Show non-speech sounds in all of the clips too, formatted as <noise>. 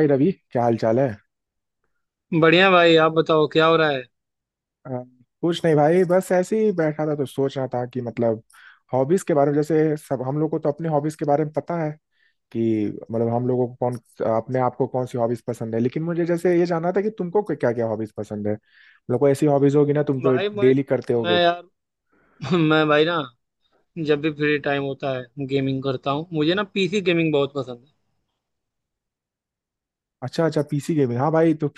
भाई रवि क्या हाल चाल है। बढ़िया भाई आप बताओ क्या हो रहा है। अ, कुछ नहीं भाई बस ऐसे ही बैठा था तो सोच रहा था कि मतलब हॉबीज के बारे में। जैसे सब हम लोग को तो अपनी हॉबीज के बारे में पता है कि मतलब हम लोगों को कौन अपने आप को कौन सी हॉबीज पसंद है, लेकिन मुझे जैसे ये जानना था कि तुमको क्या क्या हॉबीज पसंद है। मतलब कोई ऐसी हॉबीज होगी ना, तुम तो भाई मैं डेली करते मैं होगे। यार <laughs> मैं भाई ना, जब भी फ्री टाइम होता है गेमिंग करता हूँ। मुझे ना पीसी गेमिंग बहुत पसंद है। अच्छा अच्छा, पीसी गेमिंग, हाँ भाई। तो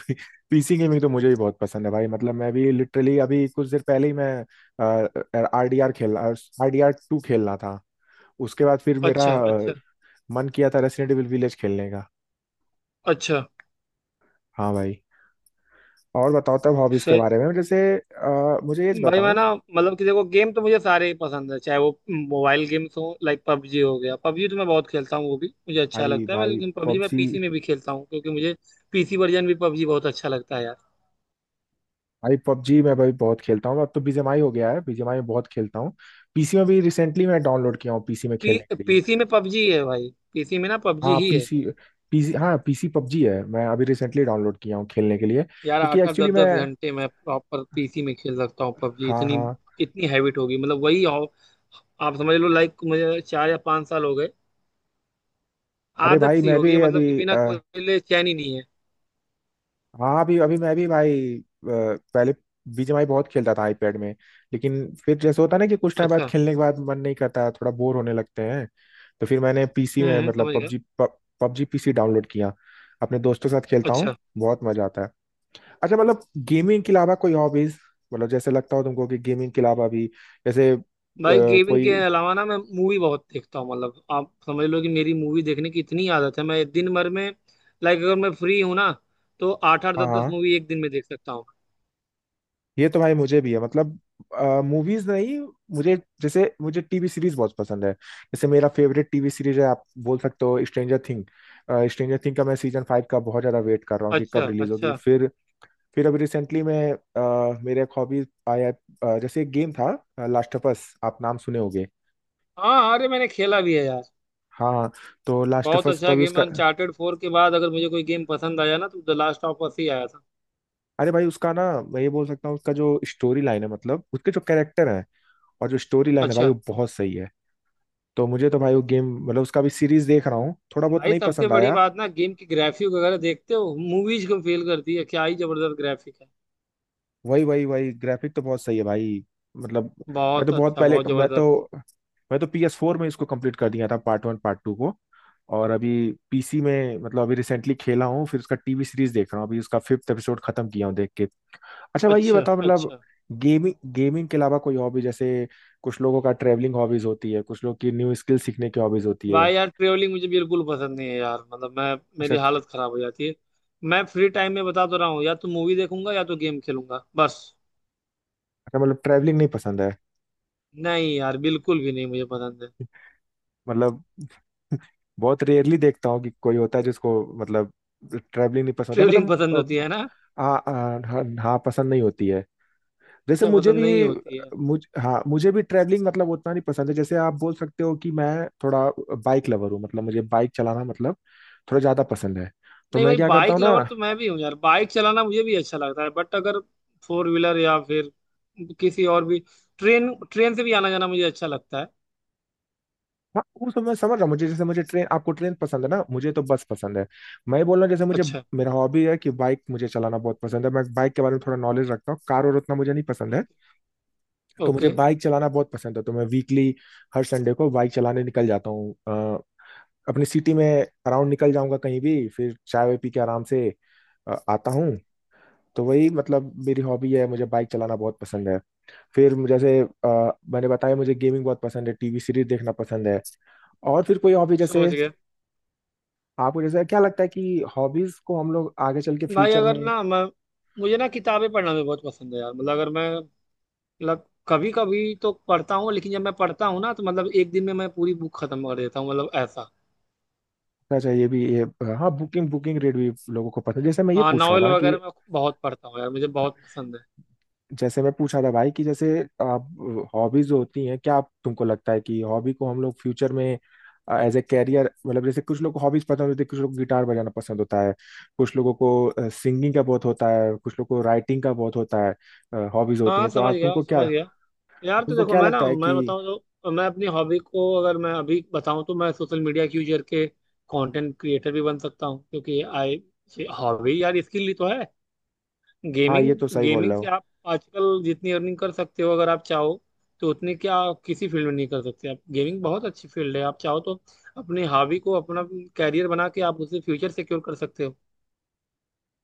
पीसी गेमिंग तो मुझे भी बहुत पसंद है भाई। मतलब मैं भी लिटरली अभी कुछ देर पहले ही मैं आर डी आर खेल आर डी आर टू खेल रहा था। उसके बाद फिर मेरा अच्छा अच्छा। मन किया था रेसिडेंट एविल विलेज खेलने का। अच्छा। हाँ भाई। और बताओ तब हॉबीज के सही। बारे में। जैसे मुझे ये भाई मैं बताओ। ना मतलब कि देखो, गेम तो मुझे सारे ही पसंद है, चाहे वो मोबाइल गेम्स हो। लाइक पबजी हो गया, पबजी तो मैं बहुत खेलता हूँ, वो भी मुझे अच्छा भाई लगता है। मैं भाई लेकिन पबजी मैं पबजी, पीसी में भी खेलता हूँ क्योंकि मुझे पीसी वर्जन भी पबजी बहुत अच्छा लगता है यार। भाई पबजी मैं भाई बहुत खेलता हूँ। अब तो बीजीएमआई हो गया है, बीजीएमआई में बहुत खेलता हूँ। पीसी में भी रिसेंटली मैं डाउनलोड किया हूँ पीसी में पी खेलने के लिए। पीसी में पबजी है भाई, पीसी में ना पबजी हाँ ही है। पीसी हाँ पीसी पबजी है। मैं अभी रिसेंटली डाउनलोड किया हूँ खेलने के लिए, यार क्योंकि आकर एक्चुअली दस मैं दस घंटे मैं प्रॉपर पीसी में खेल सकता हूँ पबजी, हाँ इतनी हाँ। इतनी हैबिट होगी, मतलब वही हो, आप समझ लो। लाइक मुझे 4 या 5 साल हो गए, अरे आदत भाई सी मैं हो गई भी है, अभी मतलब कि बिना खोले चैन ही नहीं है। हाँ। अभी अभी मैं भी भाई पहले बीजीएमआई बहुत खेलता था आईपैड में। लेकिन फिर जैसे होता है ना, कि कुछ टाइम बाद अच्छा। खेलने के बाद मन नहीं करता, थोड़ा बोर होने लगते हैं। तो फिर मैंने पीसी में मतलब समझ गया। पबजी पबजी पीसी डाउनलोड किया, अपने दोस्तों के साथ खेलता हूँ, अच्छा। बहुत मजा आता है। अच्छा, मतलब गेमिंग के अलावा कोई हॉबीज, मतलब जैसे लगता हो तुमको कि गेमिंग के अलावा भी, जैसे भाई गेमिंग कोई। के अलावा ना मैं मूवी बहुत देखता हूँ, मतलब आप समझ लो कि मेरी मूवी देखने की इतनी आदत है। मैं दिन भर में, लाइक अगर मैं फ्री हूँ ना, तो आठ आठ हाँ दस दस हाँ। मूवी एक दिन में देख सकता हूँ। ये तो भाई मुझे भी है। मतलब मूवीज नहीं, मुझे टीवी सीरीज बहुत पसंद है। जैसे मेरा फेवरेट टीवी सीरीज है, आप बोल सकते हो, स्ट्रेंजर थिंग। स्ट्रेंजर थिंग का मैं सीजन फाइव का बहुत ज्यादा वेट कर रहा हूँ कि अच्छा कब रिलीज होगी। अच्छा। फिर अभी रिसेंटली मैं मेरे एक हॉबी आया, जैसे एक गेम था, लास्ट ऑफ अस, आप नाम सुने होगे। हाँ अरे मैंने खेला भी है यार। हाँ। तो लास्ट ऑफ बहुत अस तो अच्छा अभी गेम, उसका, अनचार्टेड 4 के बाद अगर मुझे कोई गेम पसंद आया ना तो द लास्ट ऑफ अस ही आया था। अरे भाई उसका ना, मैं ये बोल सकता हूँ उसका जो स्टोरी लाइन है, मतलब उसके जो कैरेक्टर है और जो स्टोरी लाइन है भाई, अच्छा। वो बहुत सही है। तो मुझे तो भाई वो गेम मतलब उसका भी सीरीज देख रहा हूँ, थोड़ा बहुत भाई नहीं सबसे पसंद बड़ी आया। बात ना, गेम की ग्राफिक वगैरह देखते हो, मूवीज को फेल करती है, क्या ही जबरदस्त ग्राफिक है। वही वही वही ग्राफिक तो बहुत सही है भाई, मतलब। मैं तो बहुत बहुत अच्छा, पहले बहुत जबरदस्त। मैं तो PS4 फोर में इसको कंप्लीट कर दिया था, पार्ट वन पार्ट टू को। और अभी पीसी में मतलब अभी रिसेंटली खेला हूँ। फिर उसका टीवी सीरीज देख रहा हूँ, अभी उसका फिफ्थ एपिसोड खत्म किया हूँ देख के। अच्छा भाई ये अच्छा बताओ मतलब अच्छा। गेमिंग गेमिंग के अलावा कोई हॉबी, जैसे कुछ लोगों का ट्रैवलिंग हॉबीज होती है, कुछ लोग की न्यू स्किल सीखने की हॉबीज होती है। भाई यार ट्रेवलिंग मुझे बिल्कुल पसंद नहीं है यार, मतलब मैं, मेरी अच्छा। हालत खराब हो जाती है। मैं फ्री टाइम में बता तो रहा हूँ, या तो मूवी देखूंगा या तो गेम खेलूंगा बस। अच्छा मतलब ट्रैवलिंग नहीं पसंद है। नहीं यार बिल्कुल भी नहीं मुझे पसंद है। मतलब बहुत रेयरली देखता हूँ कि कोई होता है जिसको, मतलब ट्रैवलिंग नहीं पसंद होता। ट्रेवलिंग पसंद होती मतलब है ना। हाँ हाँ हाँ हाँ, पसंद नहीं होती है। जैसे अच्छा, मुझे पसंद नहीं भी, होती है। मुझे भी ट्रैवलिंग मतलब उतना नहीं पसंद है। जैसे आप बोल सकते हो कि मैं थोड़ा बाइक लवर हूँ, मतलब मुझे बाइक चलाना मतलब थोड़ा ज्यादा पसंद है। तो नहीं मैं भाई, क्या करता बाइक हूँ ना, लवर तो मैं भी हूँ यार, बाइक चलाना मुझे भी अच्छा लगता है, बट अगर फोर व्हीलर या फिर किसी और भी, ट्रेन ट्रेन से भी आना जाना मुझे अच्छा लगता है। हाँ वो सब मैं समझ रहा हूँ। मुझे ट्रेन, आपको ट्रेन पसंद है ना, मुझे तो बस पसंद है। मैं ये बोल रहा हूँ, जैसे मुझे, अच्छा। मेरा हॉबी है कि बाइक मुझे चलाना बहुत पसंद है, मैं बाइक के बारे में थोड़ा नॉलेज रखता हूँ, कार और उतना मुझे नहीं पसंद है। तो मुझे ओके। बाइक चलाना बहुत पसंद है, तो मैं वीकली, हर संडे को बाइक चलाने निकल जाता हूँ, अपनी सिटी में अराउंड निकल जाऊंगा कहीं भी, फिर चाय वाय पी के आराम से आता हूँ। तो वही मतलब मेरी हॉबी है, मुझे बाइक चलाना बहुत पसंद है। जैसे मैंने बताया मुझे गेमिंग बहुत पसंद है, टीवी सीरीज देखना पसंद है, और फिर कोई हॉबी जैसे, समझ गया। आपको जैसे क्या लगता है कि हॉबीज को हम लोग आगे चल के भाई फ्यूचर में अगर ना मैं, मुझे ना किताबें पढ़ना भी बहुत पसंद है यार, मतलब अगर मैं, मतलब कभी कभी तो पढ़ता हूँ, लेकिन जब मैं पढ़ता हूँ ना तो मतलब एक दिन में मैं पूरी बुक खत्म कर देता हूँ, मतलब ऐसा। करना चाहिए भी ये। हाँ, बुकिंग बुकिंग रेट भी लोगों को पसंद है। जैसे मैं ये हाँ पूछ रहा नॉवेल था कि, वगैरह मैं बहुत पढ़ता हूँ यार, मुझे बहुत पसंद है। जैसे मैं पूछा था भाई, कि जैसे आप हॉबीज जो होती हैं, क्या आप तुमको लगता है कि हॉबी को हम लोग फ्यूचर में एज ए कैरियर, मतलब जैसे कुछ लोग को हॉबीज पसंद होती है, कुछ लोग गिटार बजाना पसंद होता है, कुछ लोगों को सिंगिंग का बहुत होता है, कुछ लोगों को राइटिंग का बहुत होता है, हॉबीज होती हाँ हैं। तो समझ आप गया तुमको क्या, समझ गया। यार तो तुमको देखो, क्या मैं ना, लगता है मैं कि। बताऊं तो, मैं अपनी हॉबी को अगर मैं अभी बताऊं, तो मैं सोशल मीडिया के यूजर के कंटेंट क्रिएटर भी बन सकता हूं क्योंकि आई हॉबी यार इसके लिए तो है, हाँ गेमिंग। ये तो सही बोल गेमिंग रहे से हो। आप आजकल जितनी अर्निंग कर सकते हो अगर आप चाहो, तो उतनी क्या किसी फील्ड में नहीं कर सकते। आप गेमिंग बहुत अच्छी फील्ड है, आप चाहो तो अपनी हॉबी को अपना कैरियर बना के आप उसे फ्यूचर सिक्योर कर सकते हो।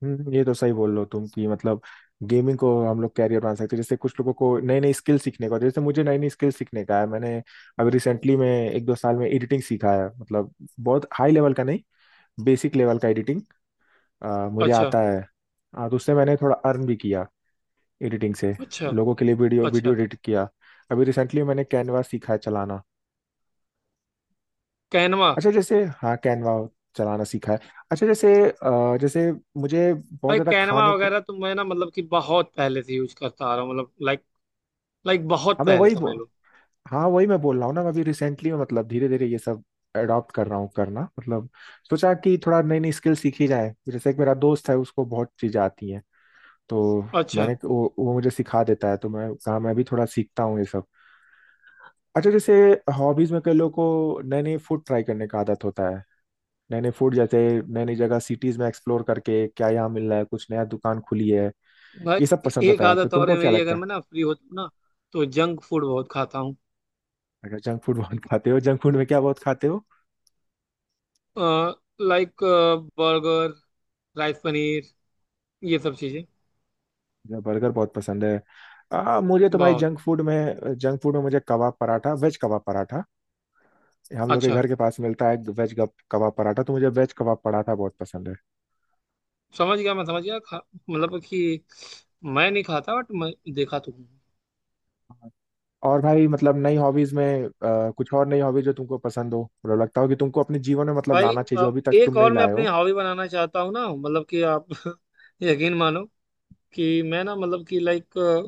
ये तो सही बोल रहे हो तुम कि मतलब गेमिंग को हम लोग कैरियर बना सकते हैं। जैसे कुछ लोगों को नई नई स्किल सीखने को, जैसे मुझे नई नई स्किल सीखने का है। मैंने अभी रिसेंटली में एक दो साल में एडिटिंग सीखा है, मतलब बहुत हाई लेवल का नहीं, बेसिक लेवल का एडिटिंग मुझे अच्छा आता है। तो उससे मैंने थोड़ा अर्न भी किया एडिटिंग से, अच्छा। लोगों के लिए वीडियो अच्छा। वीडियो एडिट किया। अभी रिसेंटली मैंने कैनवा सीखा है चलाना। कैनवा। अच्छा जैसे हाँ, कैनवा चलाना सीखा है। अच्छा जैसे जैसे मुझे बहुत भाई ज़्यादा कैनवा खाने का। वगैरह तो मैं ना मतलब कि बहुत पहले से यूज करता आ रहा हूँ, मतलब लाइक लाइक बहुत हाँ मैं पहले वही, समझ लो। हाँ वही मैं बोल रहा हूँ ना, मैं अभी रिसेंटली में मतलब धीरे धीरे ये सब अडॉप्ट कर रहा हूँ करना। मतलब सोचा कि थोड़ा नई नई स्किल सीखी जाए। जैसे एक मेरा दोस्त है, उसको बहुत चीजें आती हैं। तो अच्छा। वो मुझे सिखा देता है, तो मैं कहा मैं भी थोड़ा सीखता हूँ ये सब। अच्छा जैसे हॉबीज में कई लोगों को नए नए फूड ट्राई करने का आदत होता है। नए नए फूड, जैसे नई नई जगह सिटीज में एक्सप्लोर करके क्या यहाँ मिल रहा है, कुछ नया दुकान खुली है, ये सब भाई पसंद एक होता है। तो आदत और तुमको है क्या मेरी, लगता अगर है। मैं ना फ्री होता हूँ ना, तो जंक फूड बहुत खाता हूँ। अगर जंक फूड <laughs> बहुत खाते हो, जंक फूड में क्या बहुत खाते हो। लाइक बर्गर, राइस, पनीर, ये सब चीजें। मुझे बर्गर बहुत पसंद है। मुझे तो भाई बहुत। जंक फूड में, मुझे कबाब पराठा, वेज कबाब पराठा हम लोग के अच्छा। घर के पास मिलता है। वेज कबाब पराठा, तो मुझे वेज कबाब पराठा बहुत पसंद है। समझ गया मैं, समझ गया। खा मतलब कि मैं नहीं खाता बट मैं देखा तो हूँ। और भाई मतलब नई हॉबीज में, कुछ और नई हॉबीज जो तुमको पसंद हो, मतलब लगता हो कि तुमको अपने जीवन में मतलब भाई लाना चाहिए जो अभी तक तुम एक नहीं और मैं लाए अपनी हो। हॉबी बनाना चाहता हूँ ना, मतलब कि आप <laughs> यकीन मानो कि मैं ना मतलब कि लाइक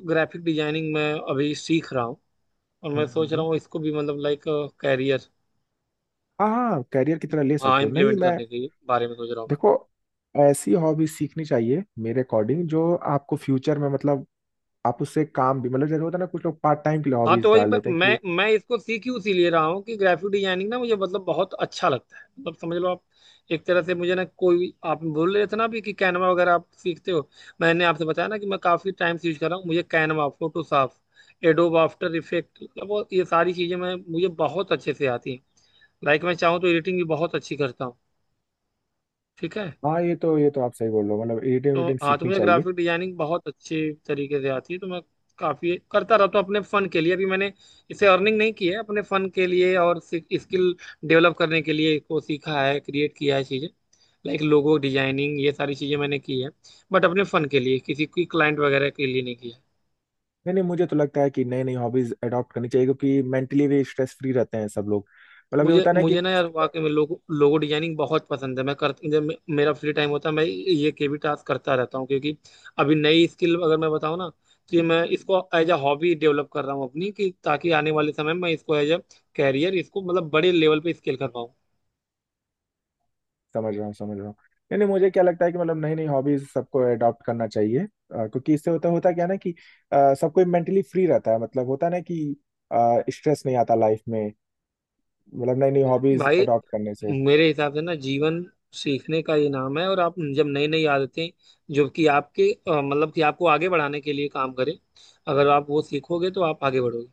ग्राफिक डिजाइनिंग में अभी सीख रहा हूँ, और मैं सोच हम्म। रहा हूँ इसको भी मतलब लाइक कैरियर। हाँ हाँ, कैरियर की तरह ले हाँ सकते हो। नहीं इम्प्लीमेंट मैं, करने के बारे में सोच रहा हूँ मैं। देखो ऐसी हॉबीज सीखनी चाहिए मेरे अकॉर्डिंग, जो आपको फ्यूचर में मतलब आप उससे काम भी, मतलब जैसे होता है ना कुछ लोग पार्ट टाइम के लिए हाँ हॉबीज तो वही डाल लेते हैं कि। मैं इसको सीख ही उसी लिए रहा हूँ कि ग्राफिक डिजाइनिंग ना मुझे मतलब बहुत अच्छा लगता है, मतलब समझ लो आप, एक तरह से मुझे ना कोई, आप बोल रहे थे ना अभी कि कैनवा वगैरह आप सीखते हो। मैंने आपसे बताया ना कि मैं काफ़ी टाइम से यूज कर रहा हूँ, मुझे Canva, Photoshop, Adobe After Effect, मतलब ये सारी चीज़ें मैं मुझे बहुत अच्छे से आती हैं। लाइक मैं चाहूँ तो एडिटिंग भी बहुत अच्छी करता हूँ। ठीक है। हाँ ये तो आप सही बोल रहे हो, मतलब एडिटिंग तो एडिटिंग हाँ तो सीखनी मुझे चाहिए। ग्राफिक डिजाइनिंग बहुत अच्छे तरीके से आती है तो मैं काफ़ी करता रहता हूँ अपने फन के लिए। अभी मैंने इसे अर्निंग नहीं की है, अपने फन के लिए और स्किल डेवलप करने के लिए इसको सीखा है, क्रिएट किया है चीज़ें, लाइक लोगो डिजाइनिंग ये सारी चीज़ें मैंने की है, बट अपने फन के लिए, किसी की क्लाइंट वगैरह के लिए नहीं किया। नहीं नहीं मुझे तो लगता है कि नई नई हॉबीज अडॉप्ट करनी चाहिए, क्योंकि मेंटली भी स्ट्रेस फ्री रहते हैं सब लोग। मतलब ये मुझे होता है ना कि मुझे ना कुछ यार तो, वाकई में लोगो लोगो डिजाइनिंग बहुत पसंद है। मैं कर, जब मेरा फ्री टाइम होता है मैं ये केवी टास्क करता रहता हूँ, क्योंकि अभी नई स्किल अगर मैं बताऊँ ना तो ये, मैं इसको एज अ हॉबी डेवलप कर रहा हूँ अपनी, कि ताकि आने वाले समय में मैं इसको एज अ कैरियर, इसको मतलब बड़े लेवल पे स्केल कर पाऊँ। समझ रहा हूँ समझ रहा हूँ। नहीं नहीं मुझे क्या लगता है कि मतलब नई नई हॉबीज सबको अडॉप्ट करना चाहिए, क्योंकि इससे होता होता क्या है ना कि सबको मेंटली फ्री रहता है। मतलब होता है ना कि स्ट्रेस नहीं आता लाइफ में, मतलब नई नई हॉबीज भाई अडॉप्ट करने से। मेरे हिसाब से ना जीवन सीखने का ये नाम है, और आप जब नई नई आदतें, जो कि आपके मतलब कि आपको आगे बढ़ाने के लिए काम करें, अगर आप वो सीखोगे तो आप आगे बढ़ोगे।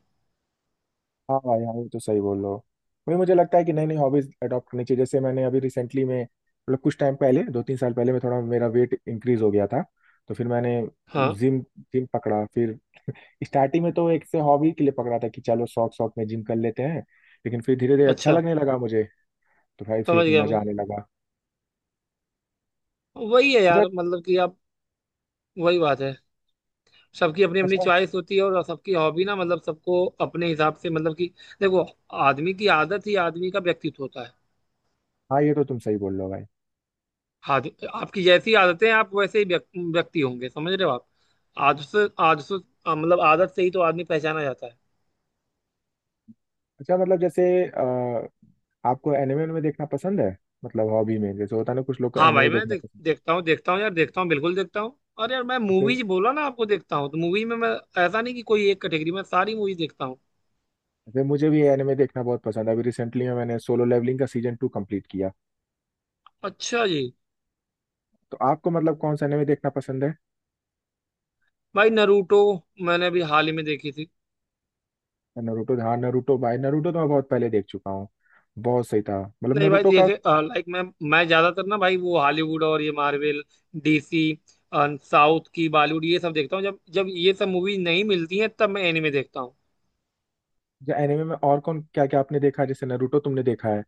हाँ भाई हाँ ये तो सही बोल रहे हो। वही मुझे लगता है कि नई नई हॉबीज अडॉप्ट करनी चाहिए। जैसे मैंने अभी रिसेंटली में मतलब कुछ टाइम पहले, दो तीन साल पहले मैं थोड़ा, मेरा वेट इंक्रीज हो गया था। तो फिर मैंने हाँ। जिम जिम पकड़ा। फिर स्टार्टिंग में तो एक से हॉबी के लिए पकड़ा था कि चलो शौक शौक में जिम कर लेते हैं, लेकिन फिर धीरे धीरे अच्छा अच्छा। लगने लगा मुझे। तो भाई फिर समझ गया मैं। मजा आने लगा। वही है अच्छा। यार मतलब कि आप, वही बात है। सबकी अपनी अपनी अच्छा चॉइस होती है, और सबकी हॉबी ना मतलब सबको अपने हिसाब से मतलब कि, देखो, आदमी की आदत ही आदमी का व्यक्तित्व होता है। हाँ ये तो तुम सही बोल रहे हो भाई। आद, आपकी जैसी आदतें हैं, आप वैसे ही व्यक्ति होंगे, समझ रहे हो आप। आदत से मतलब आदत से ही तो आदमी पहचाना जाता है। अच्छा मतलब जैसे आपको एनिमे में देखना पसंद है, मतलब हॉबी में जैसे होता है ना कुछ लोग को हाँ एनिमे भाई मैं देखना पसंद देखता हूँ यार, देखता हूँ बिल्कुल देखता हूँ, और यार मैं है। मूवीज बोला ना आपको, देखता हूँ तो मूवी में मैं ऐसा नहीं कि कोई एक कैटेगरी में सारी मूवीज देखता हूँ। वैसे मुझे भी एनिमे देखना बहुत पसंद है, अभी रिसेंटली में मैंने सोलो लेवलिंग का सीजन टू कंप्लीट किया। अच्छा जी। तो आपको मतलब कौन सा एनिमे देखना पसंद है। भाई नरूटो मैंने अभी हाल ही में देखी थी। नरूटो, हाँ नरूटो भाई, नरूटो तो मैं बहुत पहले देख चुका हूँ। बहुत सही था, मतलब नहीं भाई, नरूटो का। जैसे लाइक मैं ज्यादातर ना भाई वो हॉलीवुड और ये मार्वल, डीसी, साउथ की, बॉलीवुड, ये सब देखता हूँ। जब जब ये सब मूवी नहीं मिलती हैं तब मैं एनिमे देखता हूँ। जो एनिमे में और कौन क्या क्या आपने देखा है, जैसे नरूटो तुमने देखा है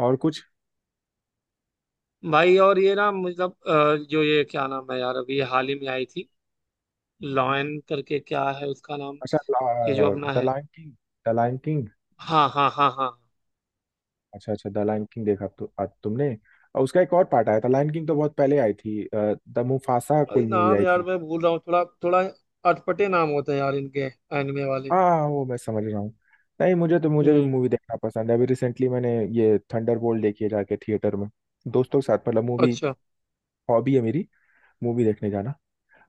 और कुछ। भाई और ये ना मतलब जो ये क्या नाम है यार, अभी ये हाल ही में आई थी, लॉयन करके क्या है उसका नाम, अच्छा, ये जो अपना द है। Lion king the lion king. हाँ हाँ हाँ हाँ। अच्छा अच्छा द लायन किंग देखा तो तुमने। और उसका एक और पार्ट आया था लायन किंग, तो बहुत पहले आई थी, द मुफासा भाई कोई मूवी नाम आई यार थी। मैं भूल रहा हूँ थोड़ा थोड़ा। अटपटे नाम होते हैं यार इनके, एनिमे वाले। हाँ वो मैं समझ रहा हूँ। नहीं मुझे भी हम्म। मूवी देखना पसंद है। अभी रिसेंटली मैंने ये थंडरबोल्ट देखी है जाके थिएटर में, दोस्तों के साथ। मतलब मूवी अच्छा। हॉबी है मेरी, मूवी देखने जाना।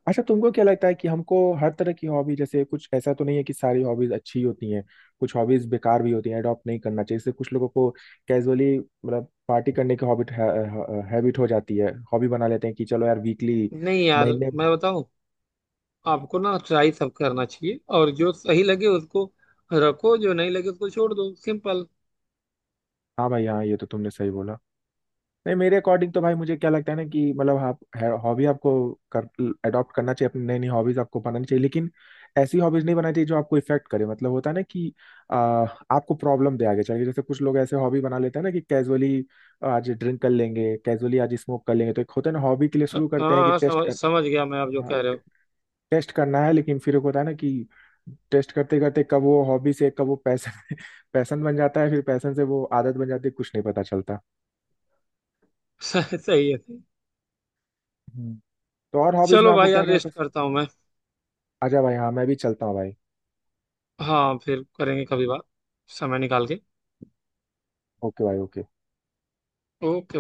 अच्छा तुमको क्या लगता है कि हमको हर तरह की हॉबी, जैसे कुछ ऐसा तो नहीं है कि सारी हॉबीज अच्छी होती हैं, कुछ हॉबीज बेकार भी होती हैं अडॉप्ट नहीं करना चाहिए। जैसे कुछ लोगों को कैजुअली मतलब पार्टी करने की हॉबिट हैबिट हो जाती है, हॉबी बना लेते हैं कि चलो यार वीकली, नहीं यार, महीने। मैं बताऊँ आपको ना, ट्राई सब करना चाहिए, और जो सही लगे उसको रखो, जो नहीं लगे उसको छोड़ दो, सिंपल। हाँ भाई हाँ ये तो तुमने सही बोला। नहीं मेरे अकॉर्डिंग तो भाई मुझे क्या लगता है ना, कि मतलब आप हॉबी आपको कर अडॉप्ट करना चाहिए। अपनी नई नई हॉबीज आपको बनानी चाहिए, लेकिन ऐसी हॉबीज नहीं बनानी चाहिए जो आपको इफेक्ट करे। मतलब होता है ना कि आ, आपको प्रॉब्लम दे आगे चल के। जैसे कुछ लोग ऐसे हॉबी बना लेते हैं ना कि कैजुअली आज ड्रिंक कर लेंगे, कैजुअली आज स्मोक कर लेंगे। तो एक होता है ना हॉबी के लिए शुरू हाँ करते हैं कि हाँ, टेस्ट समझ कर, समझ गया मैं, आप जो हाँ, कह रहे हो। टेस्ट करना है। लेकिन फिर एक होता है ना कि टेस्ट करते करते कब वो हॉबी से, कब वो पैसन <laughs> पैसन बन जाता है, फिर पैसन से वो आदत बन जाती है, कुछ नहीं पता चलता। <laughs> सही सही है सही। तो और हॉबीज में चलो आपको भाई क्या यार, क्या रेस्ट पसंद। करता हूँ मैं। अच्छा भाई हाँ मैं भी चलता हूँ भाई। हाँ फिर करेंगे कभी बात, समय निकाल के। ओके भाई ओके। ओके।